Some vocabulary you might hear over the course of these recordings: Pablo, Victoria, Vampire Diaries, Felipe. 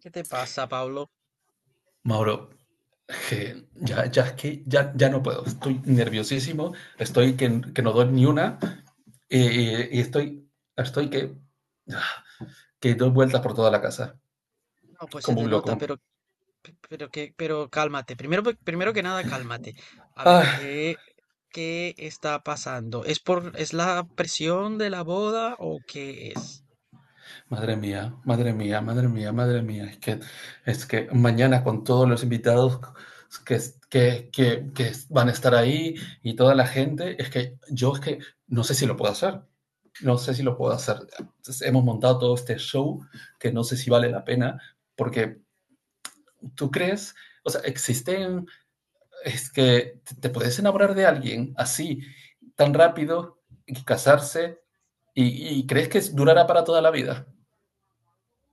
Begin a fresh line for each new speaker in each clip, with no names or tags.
¿Qué te pasa, Pablo?
Mauro, je, ya, ya, es que ya no puedo. Estoy nerviosísimo, estoy que no doy ni una y estoy que doy vueltas por toda la casa,
No, pues se
como
te
un
nota,
loco.
pero, pero que, pero cálmate. Primero, primero que nada, cálmate. A ver,
Ay,
¿qué está pasando? ¿Es por, es la presión de la boda o qué es?
madre mía, madre mía, madre mía, madre mía. Es que mañana con todos los invitados que, que van a estar ahí y toda la gente, es que yo es que no sé si lo puedo hacer. Entonces, hemos montado todo este show que no sé si vale la pena, porque tú crees, o sea, existen, es que te, puedes enamorar de alguien así, tan rápido, y casarse, y crees que durará para toda la vida.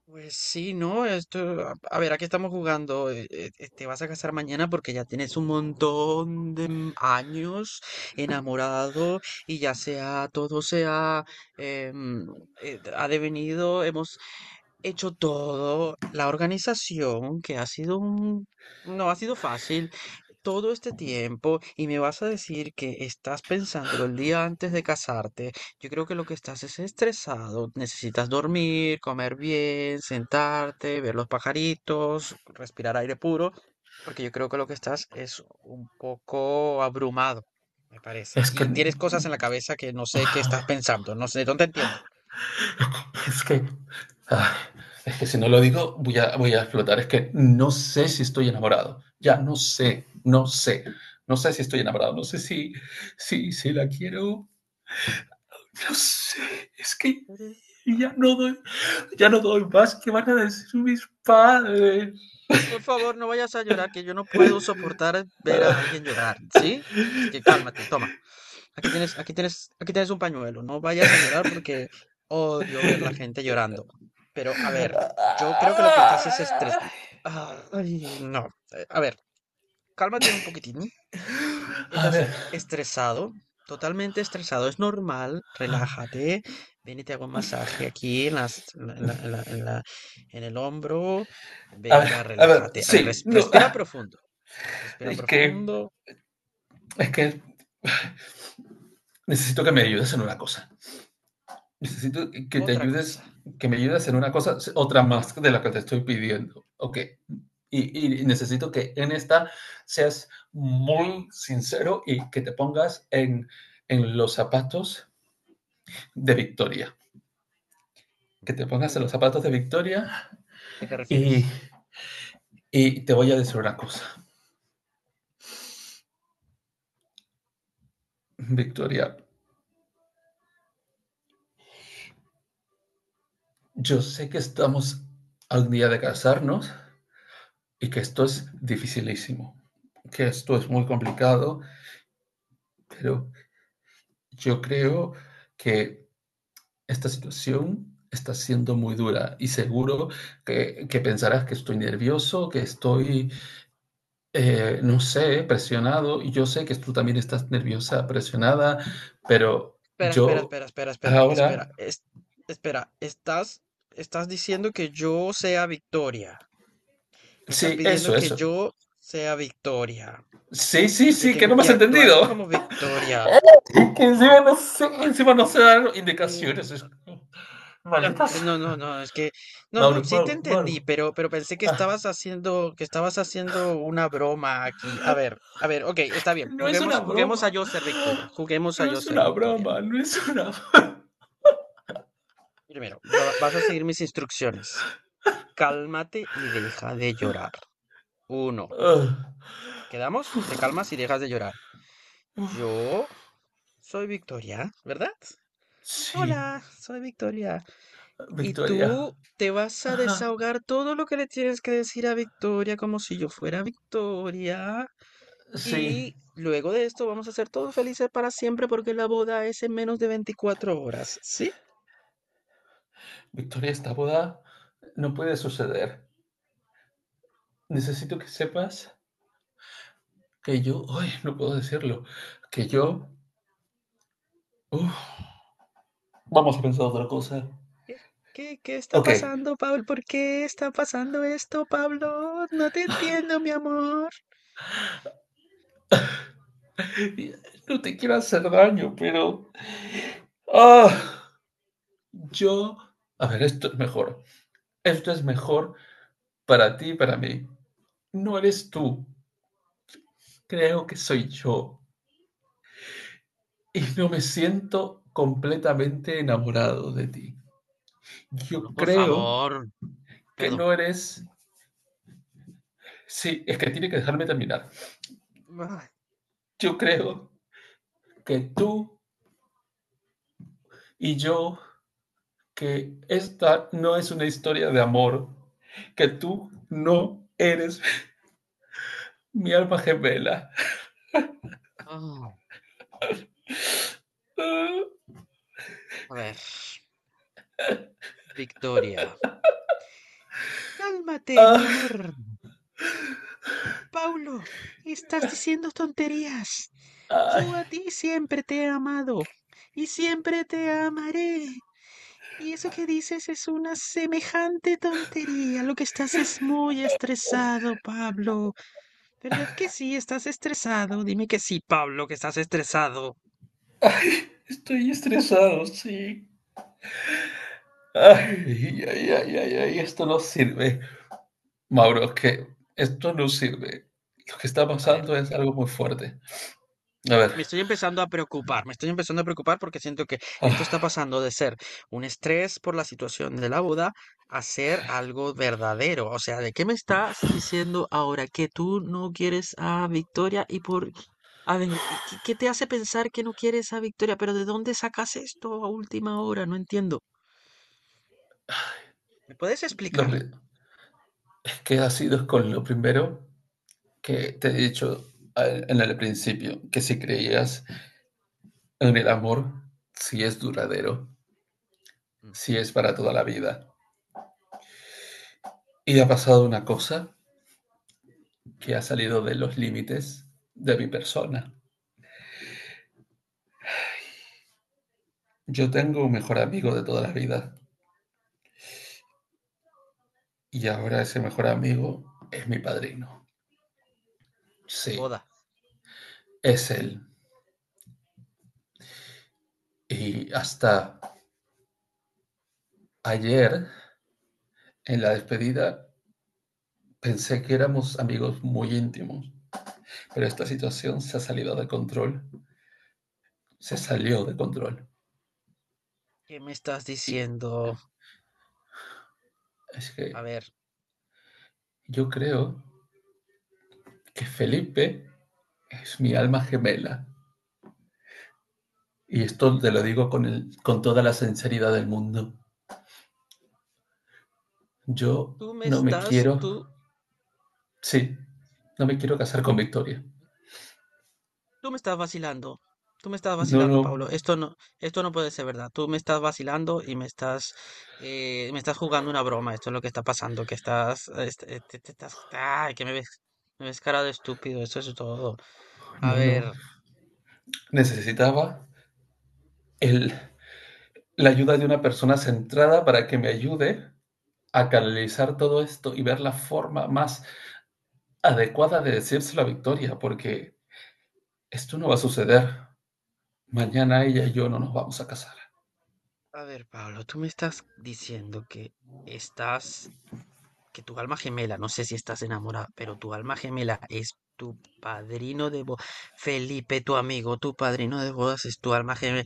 Pues sí, no, esto, a ver, aquí estamos jugando. Te vas a casar mañana porque ya tienes un montón de años enamorado y ya sea, todo se ha, em, ha devenido, hemos hecho todo, la organización, que ha sido un... No ha sido fácil todo este tiempo y me vas a decir que estás pensándolo el día antes de casarte. Yo creo que lo que estás es estresado. Necesitas dormir, comer bien, sentarte, ver los pajaritos, respirar aire puro, porque yo creo que lo que estás es un poco abrumado, me parece.
Es que,
Y tienes cosas en la cabeza que no sé qué estás pensando, no sé, no te entiendo.
es que, ah, es que si no lo digo, voy a explotar. Es que no sé si estoy enamorado. Ya, no sé, no sé. No sé si estoy enamorado, no sé si, si la quiero. No sé, es que
Ujú.
ya no doy,
Pero,
ya no doy más. ¿Qué
mm,
van a decir mis padres?
por favor, no vayas a llorar, que yo no puedo soportar ver a
A
alguien llorar, ¿sí? Así que cálmate, toma. Aquí tienes, aquí tienes un pañuelo. No vayas a llorar porque odio ver la gente llorando. Pero, a ver, yo creo que lo que estás es estrés. Ay, no. A ver, cálmate un poquitín. Estás
ver,
estresado, totalmente estresado. Es normal, relájate. Ven y te hago un masaje aquí en las, en el hombro.
a ver,
Venga,
a ver,
relájate. A ver,
sí, no,
respira profundo. Respira
es que,
profundo.
es que necesito que me ayudes en una cosa. Necesito que te
Otra cosa.
ayudes, que me ayudes en una cosa, otra más de la que te estoy pidiendo. Ok. Y necesito que en esta seas muy sincero y que te pongas en los zapatos de Victoria. Que te pongas en los zapatos de Victoria
¿Qué te
y,
refieres?
y te voy a decir una cosa. Victoria, yo sé que estamos al día de casarnos y que esto es dificilísimo, que esto es muy complicado, pero yo creo que esta situación está siendo muy dura y seguro que pensarás que estoy nervioso, que estoy no sé, presionado. Y yo sé que tú también estás nerviosa, presionada, pero
Espera, espera,
yo
espera, espera, espera, espera.
ahora...
Espera, estás diciendo que yo sea Victoria. Me estás
Sí,
pidiendo
eso,
que
eso.
yo sea Victoria
Sí, sí,
y que
sí, que no
tengo
me
que
has
actuar
entendido.
como Victoria.
Que
Mm,
encima no sé dar
mm,
indicaciones.
No,
Malditas.
no, es que, no,
Mauro,
no, sí te
Mauro,
entendí,
Mauro.
pero pensé
Ah,
que estabas haciendo una broma aquí. A ver, ok, está
que
bien.
no es una
Juguemos a
broma.
yo ser Victoria. Juguemos a
No
yo
es
ser
una
Victoria.
broma, no es una...
Primero, vas a seguir mis instrucciones. Cálmate y deja de llorar. Uno,
Ah.
¿quedamos?
Uf,
Te calmas y dejas de llorar.
uf.
Yo soy Victoria, ¿verdad?
Sí,
Hola, soy Victoria. Y
Victoria.
tú te vas a
Ajá,
desahogar todo lo que le tienes que decir a Victoria como si yo fuera Victoria.
sí.
Y luego de esto vamos a ser todos felices para siempre porque la boda es en menos de 24 horas, ¿sí?
Victoria, esta boda no puede suceder. Necesito que sepas que yo, ay, no puedo decirlo, que yo, uf, vamos a pensar otra cosa.
¿Qué, ¿qué está
Ok,
pasando, Pablo? ¿Por qué está pasando esto, Pablo? No te entiendo, mi amor.
no te quiero hacer daño, pero ah, yo, a ver, esto es mejor. Esto es mejor para ti y para mí. No eres tú, creo que soy yo. Y no me siento completamente enamorado de ti. Yo
Pablo, por
creo
favor.
que
Perdón.
no eres... Sí, es que tiene que dejarme terminar.
Ay,
Yo creo que tú y yo, que esta no es una historia de amor, que tú no eres mi alma gemela.
ah,
Ah,
a ver. Victoria. Cálmate, mi amor.
ah,
Paulo, estás diciendo tonterías.
ay,
Yo a ti siempre te he amado y siempre te amaré. Y eso que dices es una semejante tontería. Lo que estás es muy estresado, Pablo. ¿Verdad que sí? ¿Estás estresado? Dime que sí, Pablo, que estás estresado.
ay, estoy estresado, sí. Ay, ay, ay, ay, ay, esto no sirve. Mauro, que esto no sirve. Lo que está
A ver.
pasando es algo muy fuerte. A ver,
Me estoy empezando a preocupar porque siento que esto está
ah,
pasando de ser un estrés por la situación de la boda a ser algo verdadero. O sea, ¿de qué me estás diciendo ahora? ¿Que tú no quieres a Victoria? ¿Y por... A ver, ¿qué te hace pensar que no quieres a Victoria? ¿Pero de dónde sacas esto a última hora? No entiendo. ¿Me puedes
lo
explicar?
pri- es que ha sido con lo primero que te he dicho en el principio, que si creías en el amor, si es duradero, si es
Ujú.
para toda la vida. Y ha pasado una cosa que ha salido de los límites de mi persona. Yo tengo un mejor amigo de toda la vida y ahora ese mejor amigo es mi padrino.
De
Sí,
boda.
es él. Y hasta ayer, en la despedida, pensé que éramos amigos muy íntimos, pero esta situación se ha salido de control, se salió de control.
¿Qué me estás
Y
diciendo?
es
A
que
ver,
yo creo que Felipe es mi alma gemela. Y esto te lo
ah,
digo con, el, con toda la sinceridad del mundo. Yo
tú me
no me
estás,
quiero,
tú
sí, no me quiero casar con Victoria.
tú me estás vacilando. Tú me estás
No,
vacilando,
no,
Pablo. Esto no puede ser verdad. Tú me estás vacilando y me estás jugando una broma. Esto es lo que está pasando, que estás, te estás, ay, que me ves cara de estúpido. Eso es todo. A
no, no.
ver,
Necesitaba el, la ayuda de una persona centrada para que me ayude a canalizar todo esto y ver la forma más adecuada de decírselo a Victoria, porque esto no va a suceder. Mañana ella y yo no nos vamos a casar.
a ver, Pablo, tú me estás diciendo que estás, que tu alma gemela, no sé si estás enamorada, pero tu alma gemela es tu padrino de bodas. Felipe, tu amigo, tu padrino de bodas es tu alma gemela.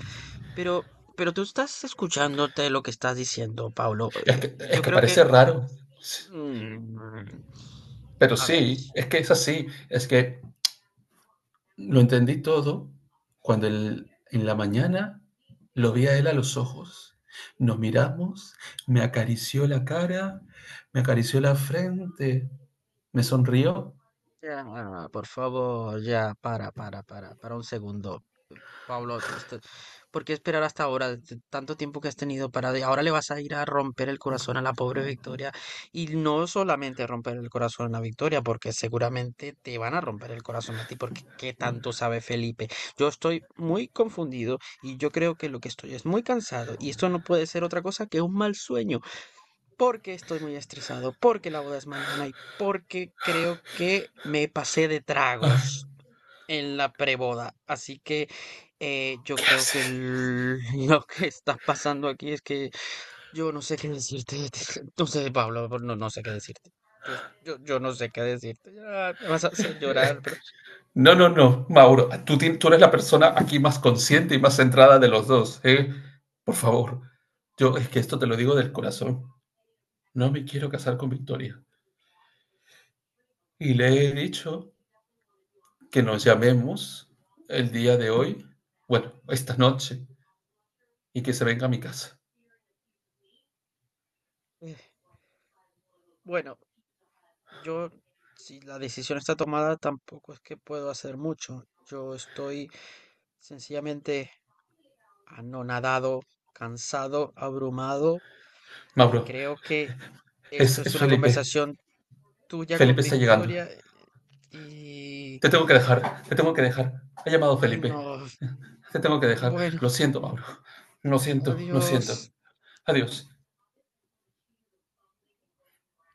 Pero, pero tú estás escuchándote lo que estás diciendo, Paulo.
Es
Yo
que
creo que...
parece raro,
mm,
pero
a ver.
sí, es que es así. Es que lo entendí todo cuando en la mañana lo vi a él a los ojos. Nos miramos, me acarició la cara, me acarició la frente, me sonrió.
Ya, ah, por favor, ya, para un segundo. Pablo, ¿por qué esperar hasta ahora? Tanto tiempo que has tenido para... Ahora le vas a ir a romper el corazón a la pobre Victoria. Y no solamente romper el corazón a la Victoria, porque seguramente te van a romper el corazón a ti, porque ¿qué tanto sabe Felipe? Yo estoy muy confundido y yo creo que lo que estoy es muy cansado y esto no puede ser otra cosa que un mal sueño, porque estoy muy estresado, porque la boda es mañana y porque creo que me pasé de tragos en la preboda. Así que yo
¿Qué
creo que
haces?
lo que está pasando aquí es que yo no sé qué decirte. No sé, Pablo, no, no sé qué decirte. Yo no sé qué decirte. Ah, me vas a hacer
Es
llorar, pero
que- No, no, no, Mauro, tú, tú eres la persona aquí más consciente y más centrada de los dos, ¿eh? Por favor, yo es que esto te lo digo del corazón. No me quiero casar con Victoria. Y le
ah,
he dicho que nos llamemos el día de hoy, bueno, esta noche, y que se venga a mi casa.
eh, bueno, yo, si la decisión está tomada, tampoco es que puedo hacer mucho. Yo estoy sencillamente anonadado, cansado, abrumado y
Mauro,
creo que esto es
es
una
Felipe.
conversación tú ya
Felipe
con
está llegando.
victoria y...
Te tengo que dejar. Ha llamado
Ay,
Felipe.
no.
Te tengo que dejar.
Bueno,
Lo siento, Mauro. Lo siento, lo
adiós.
siento. Adiós.